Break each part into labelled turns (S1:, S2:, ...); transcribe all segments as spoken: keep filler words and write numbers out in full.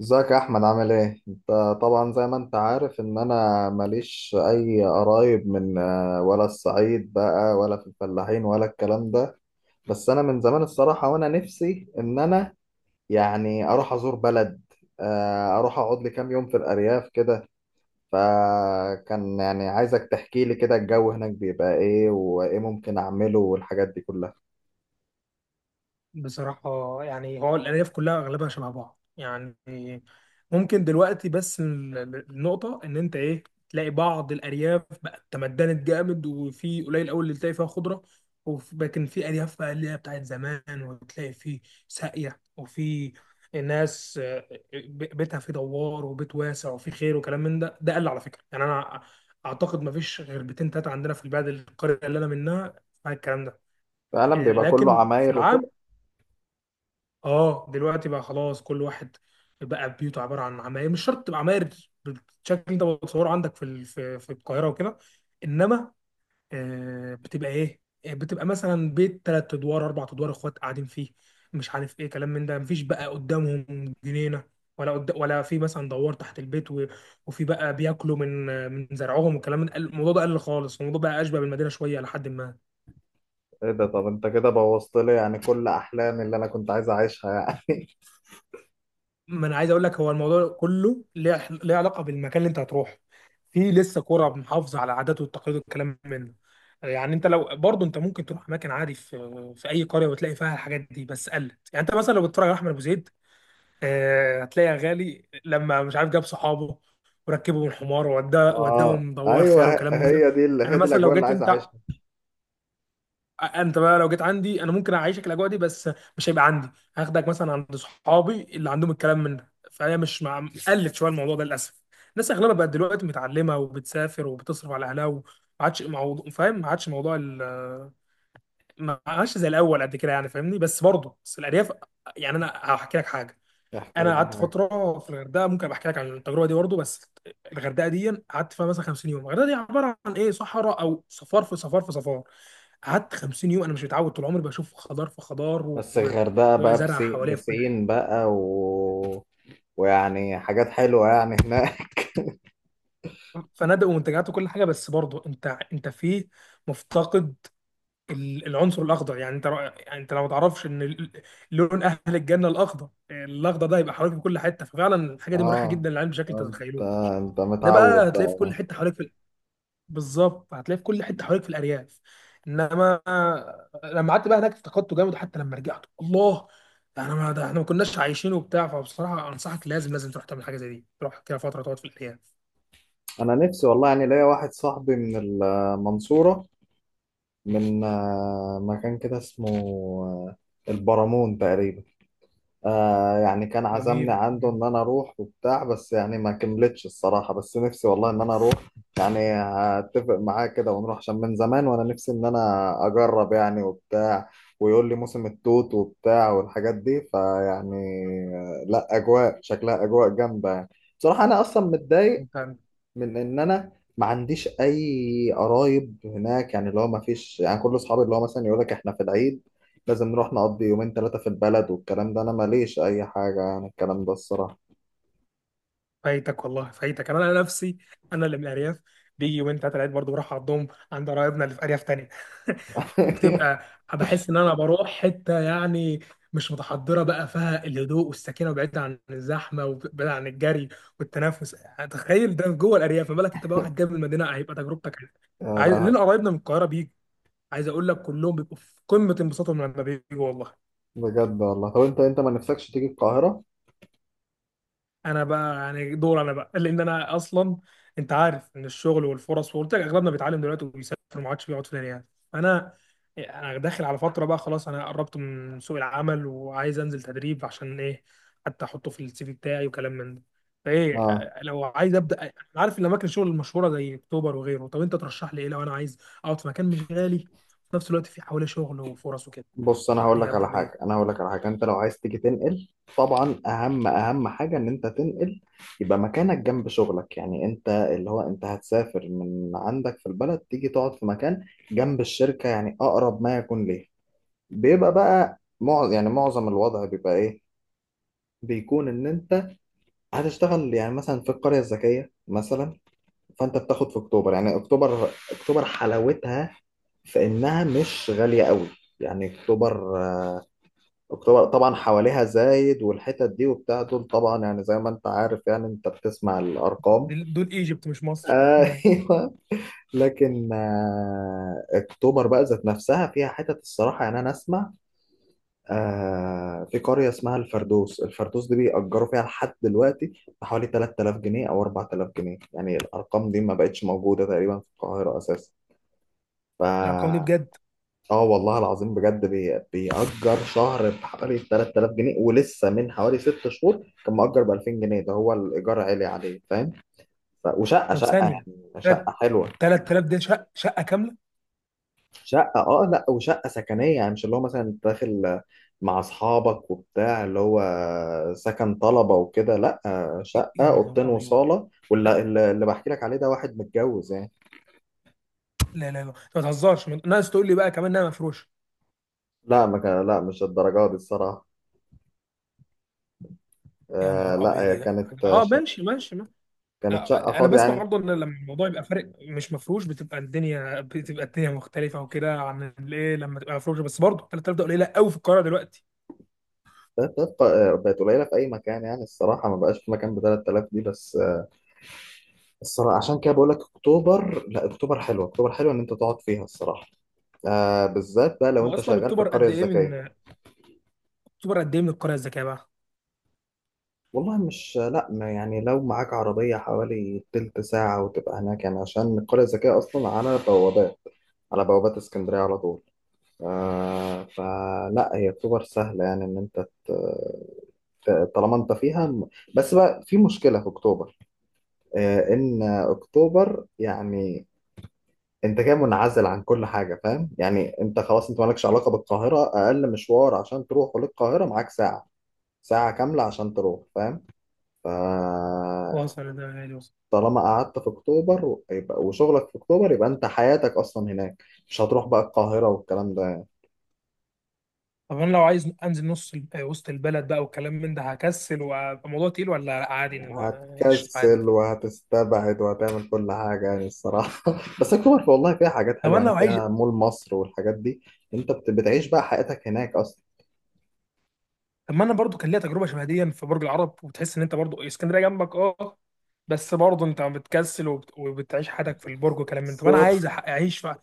S1: ازيك يا احمد، عامل ايه انت؟ طبعا زي ما انت عارف ان انا ماليش اي قرايب من آه، ولا الصعيد بقى ولا في الفلاحين ولا الكلام ده. بس انا من زمان الصراحة وانا نفسي ان انا يعني اروح ازور بلد. آه، اروح اقعد لي كام يوم في الارياف كده. فكان يعني عايزك تحكي لي كده الجو هناك بيبقى ايه وايه ممكن اعمله والحاجات دي كلها.
S2: بصراحة، يعني هو الألياف كلها أغلبها شبه بعض. يعني ممكن دلوقتي بس ال- ال- النقطة إن أنت إيه، تلاقي بعض الأرياف بقت تمدنت جامد وفي قليل أوي اللي تلاقي فيها خضرة، وف- لكن في أرياف بقى اللي هي بتاعت زمان، وتلاقي في ساقية وفي ناس، آه، ب- بيتها فيه دوار وبيت واسع وفي خير وكلام من ده. ده قل على فكرة. يعني أنا أعتقد مفيش غير بيتين تلاتة عندنا في البلد، القرية اللي أنا منها فيها الكلام ده.
S1: فعلا
S2: آه،
S1: بيبقى كله
S2: لكن في
S1: عماير
S2: العام
S1: وكده.
S2: اه دلوقتي بقى خلاص كل واحد بقى بيوته عباره عن عماير. مش شرط تبقى عماير بالشكل ده بتصوره عندك في ال- في في القاهره وكده، انما آه، بتبقى ايه، آه، بتبقى مثلا بيت ثلاث ادوار اربع ادوار اخوات قاعدين فيه، مش عارف ايه كلام من ده. مفيش بقى قدامهم جنينه ولا قد... ولا في مثلا دوار تحت البيت و... وفي بقى بياكلوا من من زرعهم وكلام من الموضوع ده. قل خالص الموضوع، بقى اشبه بالمدينه شويه لحد ما.
S1: ايه ده؟ طب انت كده بوظت لي يعني كل احلامي اللي انا كنت عايز اعيشها يعني.
S2: ما انا عايز اقول لك، هو الموضوع كله ليه ليه علاقه بالمكان اللي انت هتروحه. في لسه قرى محافظه على عاداته والتقاليد والكلام منه. يعني انت لو برضه انت ممكن تروح اماكن عادي في في اي قريه وتلاقي فيها الحاجات دي، بس قلت يعني انت مثلا لو بتتفرج على احمد ابو زيد، آه، هتلاقي غالي لما مش عارف جاب صحابه وركبهم الحمار ووداه
S1: اه
S2: وداهم دوار
S1: ايوه،
S2: خيال
S1: ه-
S2: وكلام من ده.
S1: هي دي ال-
S2: انا
S1: هي دي
S2: مثلا لو
S1: الاجواء اللي
S2: جيت
S1: عايز
S2: انت،
S1: اعيشها.
S2: انت بقى لو جيت عندي انا ممكن اعيشك الاجواء دي، بس مش هيبقى عندي. هاخدك مثلا عند صحابي اللي عندهم الكلام من ده، فهي مش مع قلت شويه الموضوع ده للاسف. الناس اغلبها بقت دلوقتي متعلمه وبتسافر وبتصرف على اهلها، وما عادش موضوع، فاهم؟ ما عادش موضوع ال- ما عادش زي الاول قد كده، يعني فاهمني؟ بس برضه بس الارياف، يعني انا هحكي لك حاجه.
S1: احكي
S2: انا
S1: لي
S2: قعدت
S1: معاك.
S2: فتره في الغردقه، ممكن أبقى احكي لك عن التجربه دي برضه. بس الغردقه دي قعدت فيها مثلا خمسين يوم، الغردقه دي عباره عن ايه؟ صحراء او صفار في صفار في صفار. قعدت خمسين يوم انا مش متعود طول عمري بشوف خضار في خضار و...
S1: بس الغردقه بقى
S2: وزرع
S1: بسي...
S2: حواليا في كل حاجه،
S1: بسين بقى و... ويعني حاجات حلوه يعني هناك.
S2: فنادق ومنتجعات وكل حاجه. بس برضه انت انت فيه مفتقد ال- العنصر الاخضر. يعني انت رأ- يعني انت لو ما تعرفش ان ال- لون اهل الجنه الاخضر، الاخضر ده هيبقى حواليك في كل حته، ففعلا الحاجه دي مريحه
S1: اه.
S2: جدا للعين بشكل انت ما
S1: انت
S2: تتخيلوش.
S1: انت
S2: ده بقى
S1: متعود
S2: هتلاقيه في
S1: بقى
S2: كل
S1: يعني.
S2: حته حواليك، بالظبط هتلاقيه في كل حته حواليك في الارياف، انما لما قعدت بقى هناك افتقدته جامد. حتى لما رجعت، الله، ده احنا ما ده احنا ما كناش عايشين وبتاع. فبصراحه انصحك، لازم لازم تروح تعمل حاجه زي دي، تروح كده فتره تقعد في الارياف.
S1: انا نفسي والله، يعني ليا واحد صاحبي من المنصوره، من آه، مكان كده اسمه آه، البرامون تقريبا. آه يعني كان عزمني
S2: جميل.
S1: عنده
S2: مم.
S1: ان انا اروح وبتاع، بس يعني ما كملتش الصراحة، بس نفسي والله ان انا اروح. يعني هتفق معاه كده ونروح عشان من زمان وانا نفسي ان انا اجرب يعني وبتاع. ويقول لي موسم التوت وبتاع والحاجات دي فيعني آه، لا اجواء شكلها اجواء جامدة يعني. بصراحة انا اصلا متضايق
S2: انت
S1: من ان انا ما عنديش اي قرايب هناك، يعني اللي هو ما فيش، يعني كل اصحابي اللي هو مثلا يقول لك احنا في العيد لازم نروح نقضي يومين ثلاثة في البلد والكلام ده. انا ماليش اي حاجة يعني الكلام ده الصراحة.
S2: فايتك والله، فايتك. انا انا نفسي، انا اللي من الارياف بيجي يومين ثلاثه العيد برضه بروح اقضيهم عند قرايبنا اللي في ارياف تانية. وبتبقى بحس ان انا بروح حته يعني مش متحضره، بقى فيها الهدوء والسكينه وبعيد عن الزحمه وبعيد عن الجري والتنافس. تخيل ده جوه الارياف، ما بالك انت بقى واحد جاي من المدينه، هيبقى تجربتك
S1: يا
S2: عايز
S1: لا.
S2: لنا. قرايبنا من القاهره بيجي، عايز اقول لك كلهم بيبقوا في قمه انبساطهم لما بيجوا والله.
S1: بجد والله. طب انت انت ما نفسكش تيجي القاهرة؟
S2: انا بقى يعني دور انا بقى لان انا اصلا، انت عارف ان الشغل والفرص، وقلت لك اغلبنا بيتعلم دلوقتي وبيسافر ما عادش بيقعد في الارياف. فانا انا داخل على فتره بقى خلاص، انا قربت من سوق العمل وعايز انزل تدريب عشان ايه، حتى احطه في السي في بتاعي وكلام من ده. فايه
S1: اه.
S2: آه، لو عايز ابدا انا عارف ان اماكن الشغل المشهوره زي اكتوبر وغيره. طب انت ترشح لي ايه لو انا عايز اقعد في مكان مش غالي في نفس الوقت في حواليه شغل وفرص وكده؟
S1: بص، انا
S2: ترشح
S1: هقول
S2: لي
S1: لك على
S2: ابدا
S1: حاجه،
S2: بايه؟
S1: انا هقول لك على حاجه: انت لو عايز تيجي تنقل، طبعا اهم اهم حاجه ان انت تنقل، يبقى مكانك جنب شغلك. يعني انت اللي هو انت هتسافر من عندك في البلد تيجي تقعد في مكان جنب الشركه، يعني اقرب ما يكون ليه. بيبقى بقى معظم يعني معظم الوضع بيبقى ايه؟ بيكون ان انت هتشتغل يعني مثلا في القريه الذكيه مثلا، فانت بتاخد في اكتوبر. يعني اكتوبر اكتوبر حلاوتها في انها مش غاليه قوي. يعني اكتوبر اكتوبر طبعا حواليها زايد والحتت دي وبتاع، دول طبعا يعني زي ما انت عارف يعني انت بتسمع الارقام.
S2: دول دول ايجيبت مش مصر. مم.
S1: ايوه. لكن آه، اكتوبر بقى ذات نفسها فيها حتت الصراحه. يعني انا اسمع آه، في قريه اسمها الفردوس، الفردوس دي بيأجروا فيها لحد دلوقتي بحوالي تلت آلاف جنيه او اربعة آلاف جنيه، يعني الارقام دي ما بقتش موجوده تقريبا في القاهره اساسا. ف
S2: الارقام دي بجد؟
S1: اه والله العظيم بجد، بي- بيأجر شهر بحوالي تلت آلاف جنيه، ولسه من حوالي ست شهور كان مأجر ب الفين جنيه، ده هو الإيجار عالي عليه فاهم؟ ف... وشقة
S2: طب
S1: شقة يعني
S2: ثانية،
S1: شقة
S2: تلات
S1: حلوة.
S2: تلات آلاف دي شقة، شقة كاملة؟
S1: شقة اه، لا وشقة سكنية، يعني مش اللي هو مثلا انت داخل مع أصحابك وبتاع اللي هو سكن طلبة وكده، لا، شقة
S2: يا
S1: أوضتين
S2: نهار أبيض!
S1: وصالة. واللي اللي اللي بحكي لك عليه ده واحد متجوز يعني.
S2: لا لا لا، أنت ما تهزرش. ما- ناقص تقول لي بقى كمان إنها مفروشة!
S1: لا ما كان، لا مش الدرجة دي الصراحة.
S2: يا
S1: آه
S2: نهار
S1: لا
S2: أبيض
S1: هي
S2: يا
S1: كانت،
S2: جدع.
S1: آه،
S2: أه
S1: شقة
S2: ماشي ماشي ما. آه،
S1: كانت شقة
S2: أنا
S1: فاضية
S2: بسمع
S1: يعني.
S2: برضه إن لما الموضوع يبقى فارق مش مفروش، بتبقى الدنيا بتبقى الدنيا مختلفة وكده عن الإيه لما تبقى مفروشة. بس برضه تلات آلاف ده قليلة قوي في القاهرة دلوقتي.
S1: بقت بقت بقت قليله في اي مكان، يعني الصراحه ما بقاش في مكان ب ثلاث آلاف دي. بس الصراحه عشان كده بقول لك اكتوبر، لا اكتوبر حلوه، اكتوبر حلوه ان انت تقعد فيها الصراحه، آه بالذات بقى لو
S2: هو
S1: انت
S2: أصلا
S1: شغال في
S2: أكتوبر
S1: القريه
S2: قد إيه
S1: الذكيه.
S2: من، أكتوبر قد إيه من القرية الذكية بقى؟
S1: والله مش لا، ما يعني لو معاك عربيه حوالي تلت ساعه وتبقى هناك، يعني عشان القريه الذكيه اصلا على بوابات على بوابات اسكندريه على طول. آه، فلا هي اكتوبر سهله يعني ان انت ت- ت- طالما انت فيها. بس بقى في مشكله في اكتوبر، آه، ان اكتوبر يعني انت كده منعزل عن كل حاجه فاهم؟ يعني انت خلاص انت مالكش علاقه بالقاهره، اقل مشوار عشان تروح للقاهره معاك ساعه ساعه كامله عشان تروح فاهم؟ فطالما
S2: وصل ده غالي.
S1: قعدت في اكتوبر و- يبقى وشغلك في اكتوبر، يبقى انت حياتك اصلا هناك مش هتروح بقى القاهره والكلام ده يعني.
S2: طب انا لو عايز انزل نص ال- آه، وسط البلد بقى والكلام من ده، هكسل وابقى موضوع تقيل ولا لأ عادي؟ الم- قشطة عادي.
S1: هتكسل وهتستبعد وهتعمل كل حاجه يعني الصراحه. بس اكتوبر والله فيها حاجات
S2: طب
S1: حلوه،
S2: انا
S1: يعني
S2: لو عايز،
S1: فيها مول مصر والحاجات دي. انت بت- بتعيش بقى حياتك هناك
S2: طب ما انا برضو كان ليا تجربه شبه دي في برج العرب، وتحس ان انت برضو اسكندريه جنبك اه بس برضو انت بتكسل وبت... وبتعيش حياتك في البرج وكلام من ده. طب انا
S1: اصلا.
S2: عايز أح- اعيش في،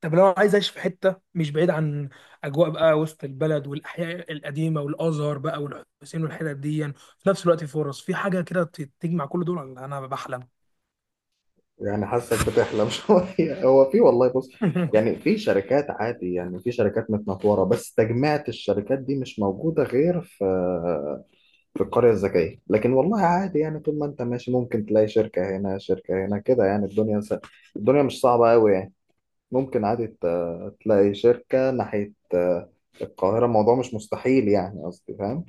S2: طب لو أنا عايز اعيش في حته مش بعيد عن اجواء بقى وسط البلد والاحياء القديمه والازهر بقى والحسين والحتت دي، في نفس الوقت فرص في حاجه كده ت- تجمع كل دول، ولا انا بحلم؟
S1: يعني حاسك بتحلم شوية. هو في والله، بص يعني في شركات عادي، يعني في شركات متنطورة، بس تجميعة الشركات دي مش موجودة غير في في القرية الذكية. لكن والله عادي يعني، طول ما انت ماشي ممكن تلاقي شركة هنا شركة هنا كده، يعني الدنيا س... الدنيا مش صعبة قوي يعني. ممكن عادي ت- تلاقي شركة ناحية آه، القاهرة. الموضوع مش مستحيل يعني قصدي فاهم؟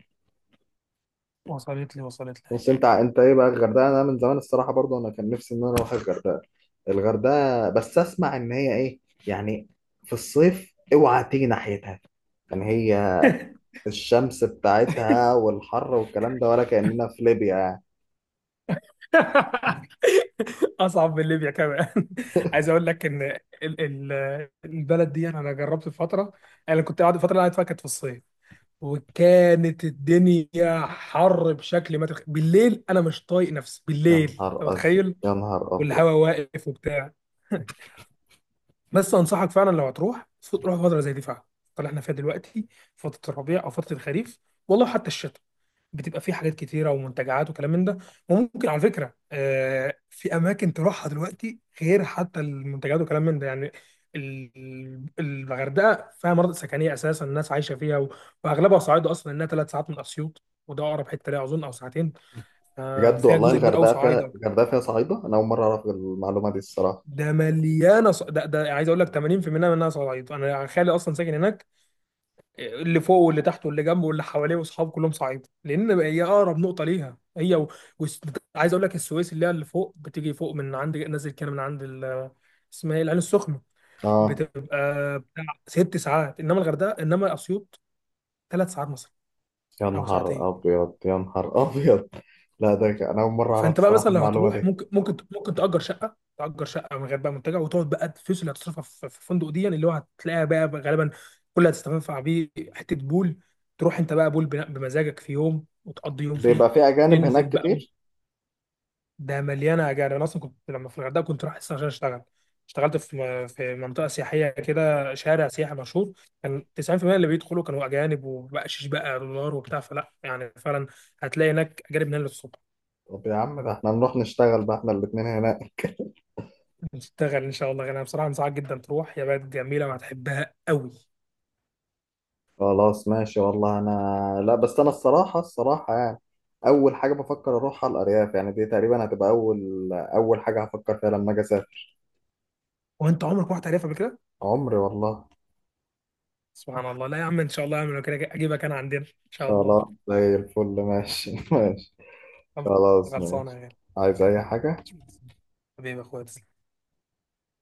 S2: وصلت لي، وصلت لي.
S1: بس انت ع- انت ايه بقى الغردقه؟ انا من زمان الصراحه برضو انا كان نفسي ان انا اروح الغردقه الغردقه بس اسمع ان هي ايه، يعني في الصيف اوعى تيجي ناحيتها. يعني هي الشمس بتاعتها والحر والكلام ده، ولا كاننا في ليبيا يعني.
S2: اصعب من ليبيا كمان. عايز اقول لك ان ال- ال- البلد دي انا جربت في فتره. انا كنت قاعد الفتره اللي قاعد فيها كانت في الصيف، وكانت الدنيا حر بشكل ما تخ... بالليل انا مش طايق نفسي
S1: يا
S2: بالليل، انت
S1: نهار ازرق،
S2: متخيل؟
S1: يا نهار ابيض.
S2: والهواء واقف وبتاع. بس انصحك فعلا لو هتروح، روح فتره زي دي فعلا، الفترة اللي احنا فيها دلوقتي، فتره الربيع او فتره الخريف، والله حتى الشتاء. بتبقى فيه حاجات كتيره ومنتجعات وكلام من ده. وممكن على فكره آه، في اماكن تروحها دلوقتي غير حتى المنتجعات وكلام من ده. يعني ال- الغردقه فيها مناطق سكنيه اساسا الناس عايشه فيها، و- واغلبها صعايده. اصلا انها ثلاث ساعات من اسيوط، وده اقرب حته ليها اظن، او ساعتين. آه،
S1: بجد
S2: فيها
S1: والله،
S2: جزء كبير قوي
S1: الغردقه فيها
S2: صعايده.
S1: الغردقه فيها صعيده. انا اول مره اعرف المعلومه دي الصراحه.
S2: ده مليانه ص... ده, ده عايز اقول لك تمانين في المية منها صعايده. انا خالي اصلا ساكن هناك، اللي فوق واللي تحته واللي جنبه واللي حواليه واصحابه كلهم صعيده، لان هي اقرب نقطه ليها هي و... و... عايز اقول لك السويس اللي هي اللي فوق بتيجي فوق من عند نازل كده من عند ال... اسمها ايه، العين السخنه،
S1: اه.
S2: بتبقى بتاع ست ساعات، انما الغردقه، انما اسيوط، ثلاث ساعات مثلا
S1: يا
S2: او
S1: نهار
S2: ساعتين.
S1: ابيض، يا نهار ابيض. لا ده ك- انا اول مره اعرف
S2: فانت بقى مثلا
S1: الصراحه
S2: لو
S1: المعلومه
S2: هتروح
S1: دي.
S2: ممكن ممكن ممكن تأجر شقه تأجر شقه من غير بقى منتجع، وتقعد بقى الفلوس اللي هتصرفها في في الفندق دي، يعني اللي هو هتلاقيها بقى غالبا كل اللي هتستنفع بيه حته بول، تروح انت بقى بول بنا- بمزاجك في يوم وتقضي يوم فيه.
S1: بيبقى في اجانب هناك
S2: تنزل بقى،
S1: كتير.
S2: ده مليانه اجار. انا اصلا كنت لما في الغردقه كنت رايح اصلا عشان اشتغل. اشتغلت في م- في منطقه سياحيه كده، شارع سياحي مشهور. كان تسعين في المية اللي بيدخلوا كانوا اجانب، وبقشيش بقى دولار وبتاع، فلا يعني فعلا هتلاقي هناك اجانب من هنا.
S1: طب يا عم ده احنا نروح نشتغل بقى احنا الاتنين هناك.
S2: هتشتغل ان شاء الله غالبا. بصراحه انصحك جدا تروح، هي بلد جميله وهتحبها قوي.
S1: خلاص ماشي والله. انا لا، بس انا الصراحة، الصراحة يعني اول حاجة بفكر اروحها الارياف، يعني دي تقريبا هتبقى اول اول حاجة هفكر فيها لما اجي اسافر.
S2: وانت عمرك ما رحت عليها قبل كده؟
S1: عمري والله.
S2: سبحان الله! لا يا عم، ان شاء الله يا عم، لو كده اجيبك انا عندنا ان شاء الله.
S1: خلاص زي الفل، ماشي ماشي.
S2: خلص-
S1: خلاص
S2: خلصانه يا
S1: ماشي.
S2: غالي.
S1: عايز اي حاجة؟
S2: حبيبي يا اخويا.